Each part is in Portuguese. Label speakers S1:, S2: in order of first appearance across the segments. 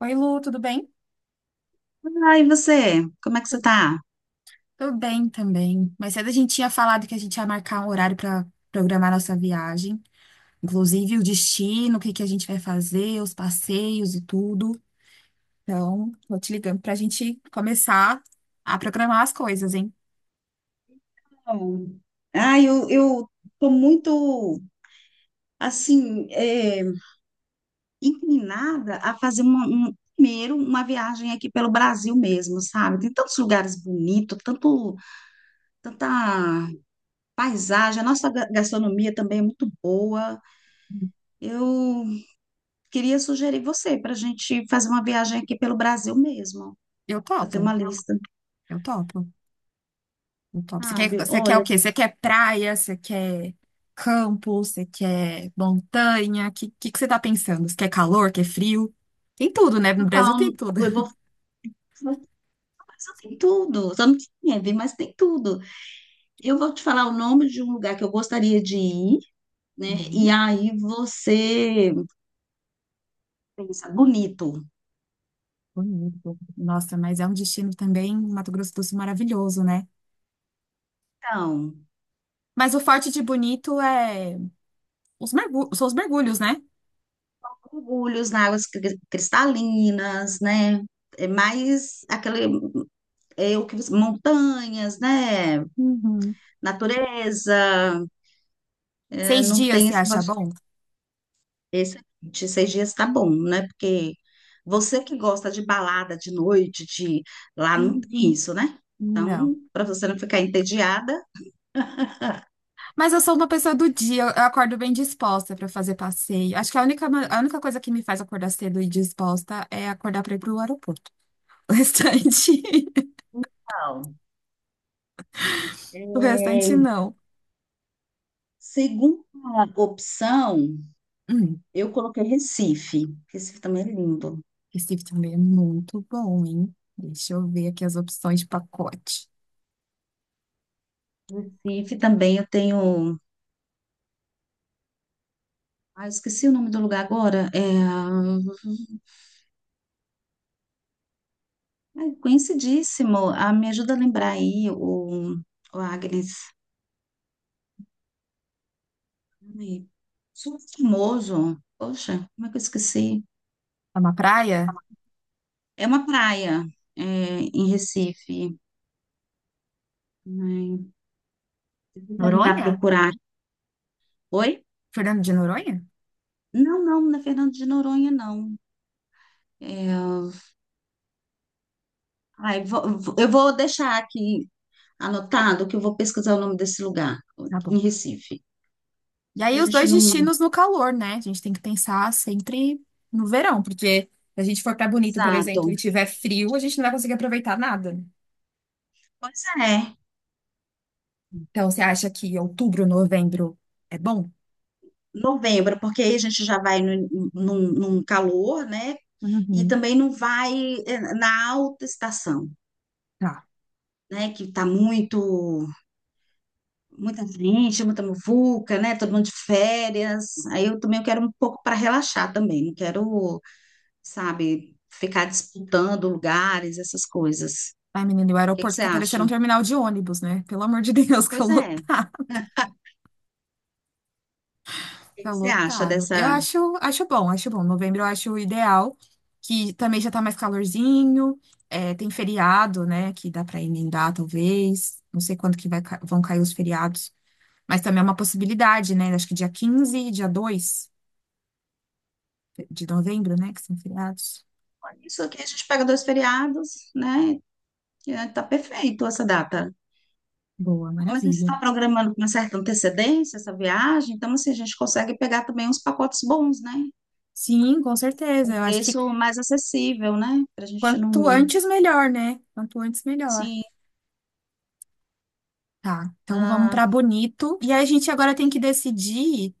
S1: Oi, Lu, tudo bem?
S2: Ah, e você? Como é que você tá?
S1: Tudo bem também. Mais cedo a gente tinha falado que a gente ia marcar um horário para programar nossa viagem, inclusive o destino, o que que a gente vai fazer, os passeios e tudo. Então, vou te ligando para a gente começar a programar as coisas, hein?
S2: Bom. Ah, eu tô muito, assim, inclinada a fazer primeiro uma viagem aqui pelo Brasil mesmo, sabe? Tem tantos lugares bonitos, tanta paisagem, a nossa gastronomia também é muito boa. Eu queria sugerir você para a gente fazer uma viagem aqui pelo Brasil mesmo,
S1: Eu
S2: fazer
S1: topo,
S2: uma lista,
S1: eu topo, eu topo. Você quer,
S2: sabe?
S1: você quer o
S2: Olha,
S1: quê? Você quer praia? Você quer campo? Você quer montanha? O que que você tá pensando? Você quer calor? Quer frio? Tem tudo, né?
S2: eu
S1: No
S2: vou
S1: Brasil
S2: falar,
S1: tem
S2: um-
S1: tudo.
S2: eu
S1: Tá
S2: vou mas só tem tudo, só não tem neve, mas tem tudo. Eu vou te falar o nome de um lugar que eu gostaria de ir, né? E
S1: bom.
S2: aí você pensa, Bonito.
S1: Bonito. Nossa, mas é um destino também, Mato Grosso do Sul, maravilhoso, né?
S2: Então,
S1: Mas o forte de Bonito é são os mergulhos, né?
S2: mergulhos na águas cristalinas, né? É mais aquele, é o que, montanhas, né?
S1: Uhum.
S2: Natureza, né?
S1: Seis
S2: não
S1: dias,
S2: tem
S1: você
S2: esse
S1: acha bom?
S2: Excelente, 6 dias tá bom, né? Porque você que gosta de balada de noite, de lá não tem
S1: Uhum.
S2: isso, né? Então,
S1: Não.
S2: para você não ficar entediada.
S1: Mas eu sou uma pessoa do dia, eu acordo bem disposta para fazer passeio. Acho que a única, a única coisa que me faz acordar cedo e disposta é acordar para ir pro aeroporto. O restante,
S2: Então,
S1: o restante
S2: é,
S1: não.
S2: segunda opção,
S1: Hum.
S2: eu coloquei Recife. Recife também é lindo.
S1: Recife também é muito bom, hein? Deixa eu ver aqui as opções de pacote.
S2: Recife também eu tenho. Ah, eu esqueci o nome do lugar agora. Ah, conhecidíssimo. Ah, me ajuda a lembrar aí, o Agnes. Ai, super famoso. Poxa, como é que eu esqueci?
S1: É uma praia?
S2: É uma praia, é, em Recife. Ai, deixa eu tentar
S1: Noronha?
S2: procurar. Oi?
S1: Fernando de Noronha?
S2: Não, não, não é Fernando de Noronha, não. É, Ai, eu vou deixar aqui anotado que eu vou pesquisar o nome desse lugar,
S1: Tá
S2: em
S1: bom.
S2: Recife.
S1: E
S2: Só para
S1: aí,
S2: a
S1: os
S2: gente
S1: dois
S2: não.
S1: destinos no calor, né? A gente tem que pensar sempre no verão, porque se a gente for pra Bonito, por exemplo,
S2: Exato.
S1: e tiver frio, a gente não vai conseguir aproveitar nada, né?
S2: Pois é,
S1: Então, você acha que outubro, novembro é bom?
S2: novembro, porque aí a gente já vai no, num, num calor, né? E
S1: Uhum.
S2: também não vai na alta estação,
S1: Tá.
S2: né, que tá muito, muita gente, muita muvuca, né, todo mundo de férias. Aí eu também eu quero um pouco para relaxar também, não quero, sabe, ficar disputando lugares, essas coisas.
S1: Ai, menino, e o
S2: O que que
S1: aeroporto
S2: você
S1: fica
S2: acha?
S1: parecendo um terminal de ônibus, né? Pelo amor de Deus, que
S2: Pois é. O que
S1: tá
S2: que você acha
S1: lotado. Eu
S2: dessa?
S1: acho, acho bom, acho bom. Novembro eu acho ideal, que também já tá mais calorzinho, é, tem feriado, né, que dá pra emendar, talvez. Não sei quando que vai, vão cair os feriados, mas também é uma possibilidade, né? Acho que dia 15, e dia 2 de novembro, né, que são feriados.
S2: Isso aqui a gente pega dois feriados, né? Tá perfeito essa data.
S1: Boa,
S2: Como a gente
S1: maravilha.
S2: está programando com uma certa antecedência essa viagem, então assim, a gente consegue pegar também uns pacotes bons, né?
S1: Sim, com certeza.
S2: Um
S1: Eu acho que
S2: preço mais acessível, né? Para a gente
S1: quanto
S2: não.
S1: antes, melhor, né? Quanto antes, melhor.
S2: Sim.
S1: Tá, então vamos
S2: Ah,
S1: pra Bonito. E aí a gente agora tem que decidir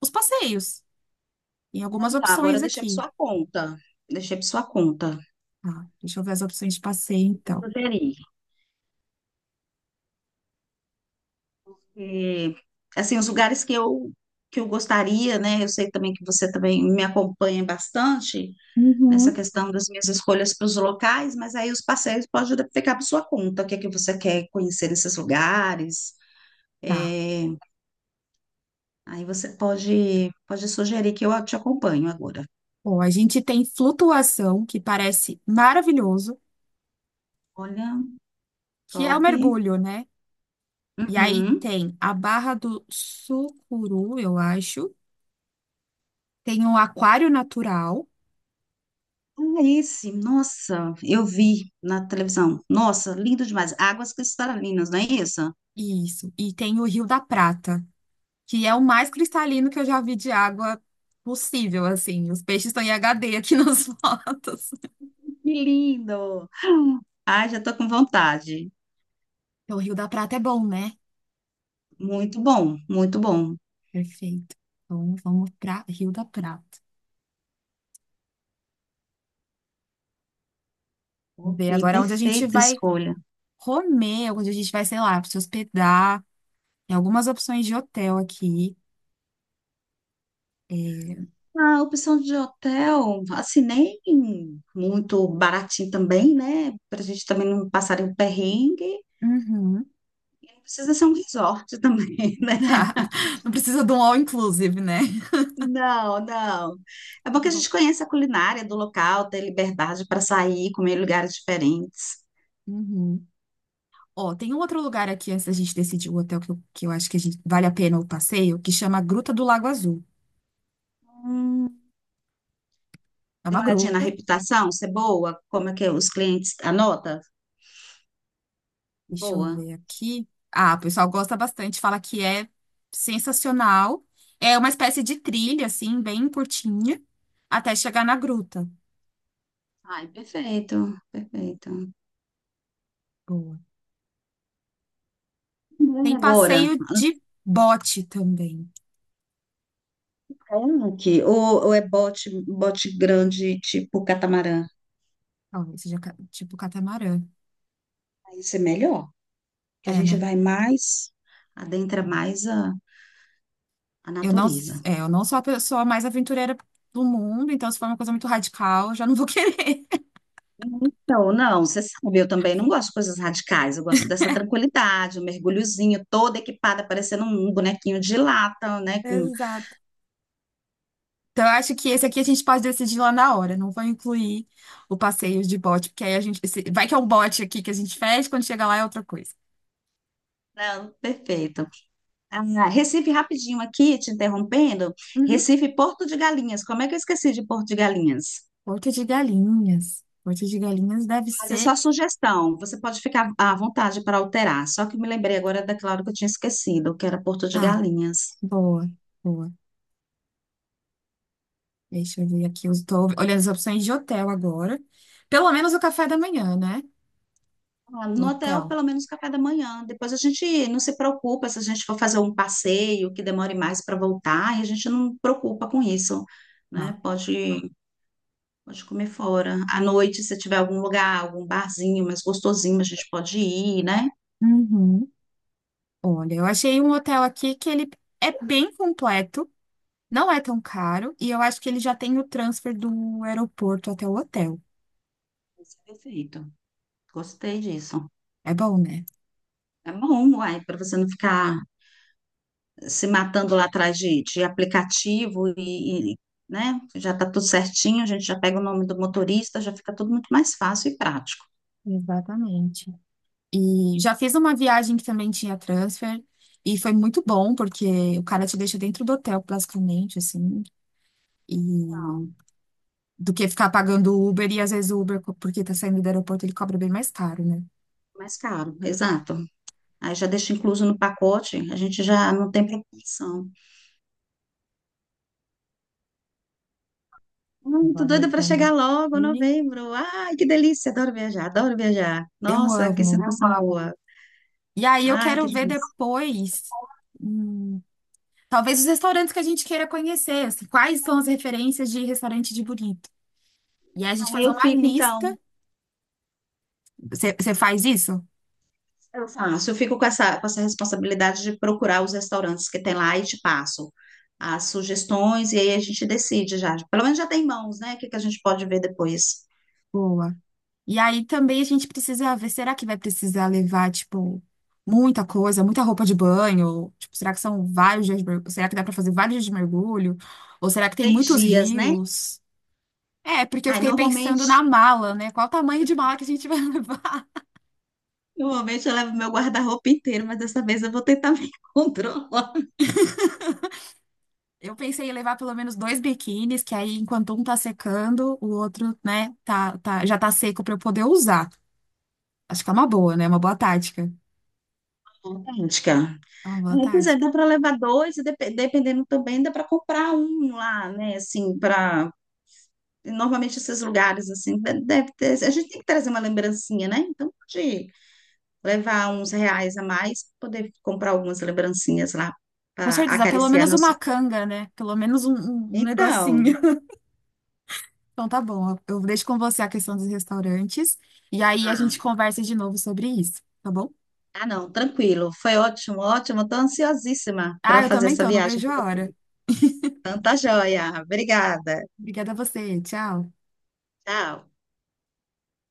S1: os passeios. E algumas
S2: tá, agora eu
S1: opções
S2: deixei para
S1: aqui.
S2: sua conta. Deixei para sua conta.
S1: Tá, deixa eu ver as opções de passeio, então.
S2: Sugerir. E, assim, os lugares que eu gostaria, né? Eu sei também que você também me acompanha bastante nessa
S1: Uhum.
S2: questão das minhas escolhas para os locais, mas aí os passeios pode ficar para sua conta. O que é que você quer conhecer nesses lugares?
S1: Tá.
S2: É, Aí você pode sugerir que eu te acompanho agora.
S1: Bom, a gente tem flutuação, que parece maravilhoso,
S2: Olha,
S1: que é o
S2: top.
S1: mergulho, né? E aí
S2: Uhum.
S1: tem a Barra do Sucuru, eu acho. Tem o Aquário Natural,
S2: Ah, esse, nossa, eu vi na televisão. Nossa, lindo demais. Águas cristalinas, não é isso?
S1: isso. E tem o Rio da Prata, que é o mais cristalino que eu já vi de água possível, assim. Os peixes estão em HD aqui nas fotos.
S2: Que lindo! Ai, já tô com vontade.
S1: Então, o Rio da Prata é bom, né?
S2: Muito bom, muito bom.
S1: Perfeito. Então, vamos para Rio da Prata. Vamos
S2: Ok,
S1: ver agora onde a gente
S2: perfeita
S1: vai
S2: escolha.
S1: comer, onde a gente vai, sei lá, se hospedar. Tem algumas opções de hotel aqui. É,
S2: A opção de hotel, assinei muito baratinho também, né? Pra gente também não passar em perrengue.
S1: uhum.
S2: Precisa ser um resort também, né?
S1: Não precisa de um all inclusive, né?
S2: Não, não. É
S1: Tá
S2: bom que a
S1: bom.
S2: gente conheça a culinária do local, ter liberdade para sair, comer em lugares diferentes.
S1: Uhum. Ó, tem um outro lugar aqui antes da gente decidir o hotel que eu acho que a gente, vale a pena o passeio, que chama Gruta do Lago Azul. É
S2: Dê
S1: uma
S2: uma olhadinha na
S1: gruta.
S2: reputação, se é boa, como é que os clientes anota?
S1: Deixa eu
S2: Boa.
S1: ver aqui. Ah, o pessoal gosta bastante, fala que é sensacional. É uma espécie de trilha, assim, bem curtinha, até chegar na gruta.
S2: Ai, perfeito, perfeito.
S1: Boa. Tem
S2: Agora,
S1: passeio de bote também.
S2: Kayak ou é bote, bote grande tipo catamarã?
S1: Talvez seja tipo catamarã.
S2: Aí isso é melhor, que a
S1: É,
S2: gente
S1: né?
S2: vai mais, adentra mais a
S1: Eu não,
S2: natureza.
S1: é, eu não sou a pessoa mais aventureira do mundo, então se for uma coisa muito radical, eu já não vou querer.
S2: Então, não, você sabe, eu também não gosto de coisas radicais, eu gosto dessa tranquilidade, o mergulhozinho, toda equipada, parecendo um bonequinho de lata, né?
S1: Exato. Então, eu acho que esse aqui a gente pode decidir lá na hora. Não vou incluir o passeio de bote, porque aí a gente. Vai que é um bote aqui que a gente fecha, quando chega lá é outra coisa.
S2: Não, perfeito. Ah, Recife, rapidinho aqui, te interrompendo.
S1: Uhum.
S2: Recife, Porto de Galinhas. Como é que eu esqueci de Porto de Galinhas?
S1: Porto de Galinhas. Porto de Galinhas deve
S2: Mas é
S1: ser.
S2: só sugestão. Você pode ficar à vontade para alterar. Só que me lembrei agora daquela hora que eu tinha esquecido, que era Porto de
S1: Tá,
S2: Galinhas.
S1: boa, boa. Deixa eu ver aqui. Eu estou olhando as opções de hotel agora. Pelo menos o café da manhã, né?
S2: Ah, no hotel,
S1: Hotel.
S2: pelo menos café da manhã. Depois a gente não se preocupa se a gente for fazer um passeio que demore mais para voltar, e a gente não preocupa com isso,
S1: Ah.
S2: né? Pode comer fora. À noite, se tiver algum lugar, algum barzinho mais gostosinho, a gente pode ir, né?
S1: Uhum. Olha, eu achei um hotel aqui que ele é bem completo, não é tão caro, e eu acho que ele já tem o transfer do aeroporto até o hotel.
S2: Isso é perfeito. Gostei disso.
S1: É bom, né?
S2: É bom, uai, para você não ficar se matando lá atrás de aplicativo né, já está tudo certinho, a gente já pega o nome do motorista, já fica tudo muito mais fácil e prático.
S1: Exatamente. E já fiz uma viagem que também tinha transfer, e foi muito bom, porque o cara te deixa dentro do hotel, basicamente, assim. E
S2: Não,
S1: do que ficar pagando o Uber e às vezes o Uber, porque tá saindo do aeroporto, ele cobra bem mais caro, né?
S2: mais caro, exato. Aí já deixa incluso no pacote, a gente já não tem preocupação.
S1: Vou
S2: Muito doida para
S1: anotando
S2: chegar logo,
S1: aqui.
S2: novembro. Ai, que delícia, adoro viajar, adoro viajar.
S1: Eu
S2: Nossa, que
S1: amo.
S2: sensação boa.
S1: E aí eu
S2: Ai, que
S1: quero ver
S2: delícia.
S1: depois, hum, talvez os restaurantes que a gente queira conhecer, assim, quais são as referências de restaurante de bonito. E aí a gente
S2: Ah,
S1: fazer
S2: eu
S1: uma
S2: fico então.
S1: lista. Você faz isso?
S2: Eu faço, eu fico com essa responsabilidade de procurar os restaurantes que tem lá e te passo as sugestões e aí a gente decide já. Pelo menos já tem mãos, né? O que que a gente pode ver depois?
S1: Boa. E aí também a gente precisa ver, será que vai precisar levar, tipo, muita coisa, muita roupa de banho? Tipo, será que são vários dias de mergulho? Será que dá pra fazer vários dias de mergulho? Ou será que tem
S2: Seis
S1: muitos
S2: dias, né?
S1: rios? É, porque eu
S2: Aí
S1: fiquei pensando
S2: normalmente,
S1: na mala, né? Qual o tamanho de mala que a gente vai levar?
S2: normalmente eu levo meu guarda-roupa inteiro, mas dessa vez eu vou tentar me controlar.
S1: Eu pensei em levar pelo menos 2 biquínis, que aí enquanto um tá secando, o outro, né, já tá seco pra eu poder usar. Acho que é uma boa, né? Uma boa tática.
S2: Idêntica.
S1: É uma boa
S2: Aí, pois é,
S1: tática.
S2: dá para levar dois e dependendo também dá para comprar um lá, né? Assim, para normalmente esses lugares assim, deve ter, a gente tem que trazer uma lembrancinha, né? Então pode levar uns reais a mais, poder comprar algumas lembrancinhas lá
S1: Com
S2: para
S1: certeza, pelo
S2: acariciar
S1: menos
S2: nosso.
S1: uma canga, né? Pelo menos um negocinho.
S2: Então,
S1: Então tá bom, eu deixo com você a questão dos restaurantes e aí a gente
S2: ah,
S1: conversa de novo sobre isso, tá bom?
S2: ah, não, tranquilo, foi ótimo, ótimo, estou ansiosíssima
S1: Ah,
S2: para
S1: eu
S2: fazer
S1: também
S2: essa
S1: tô, não
S2: viagem
S1: vejo
S2: com
S1: a
S2: você.
S1: hora.
S2: Tanta joia, obrigada,
S1: Obrigada a você, tchau.
S2: tchau.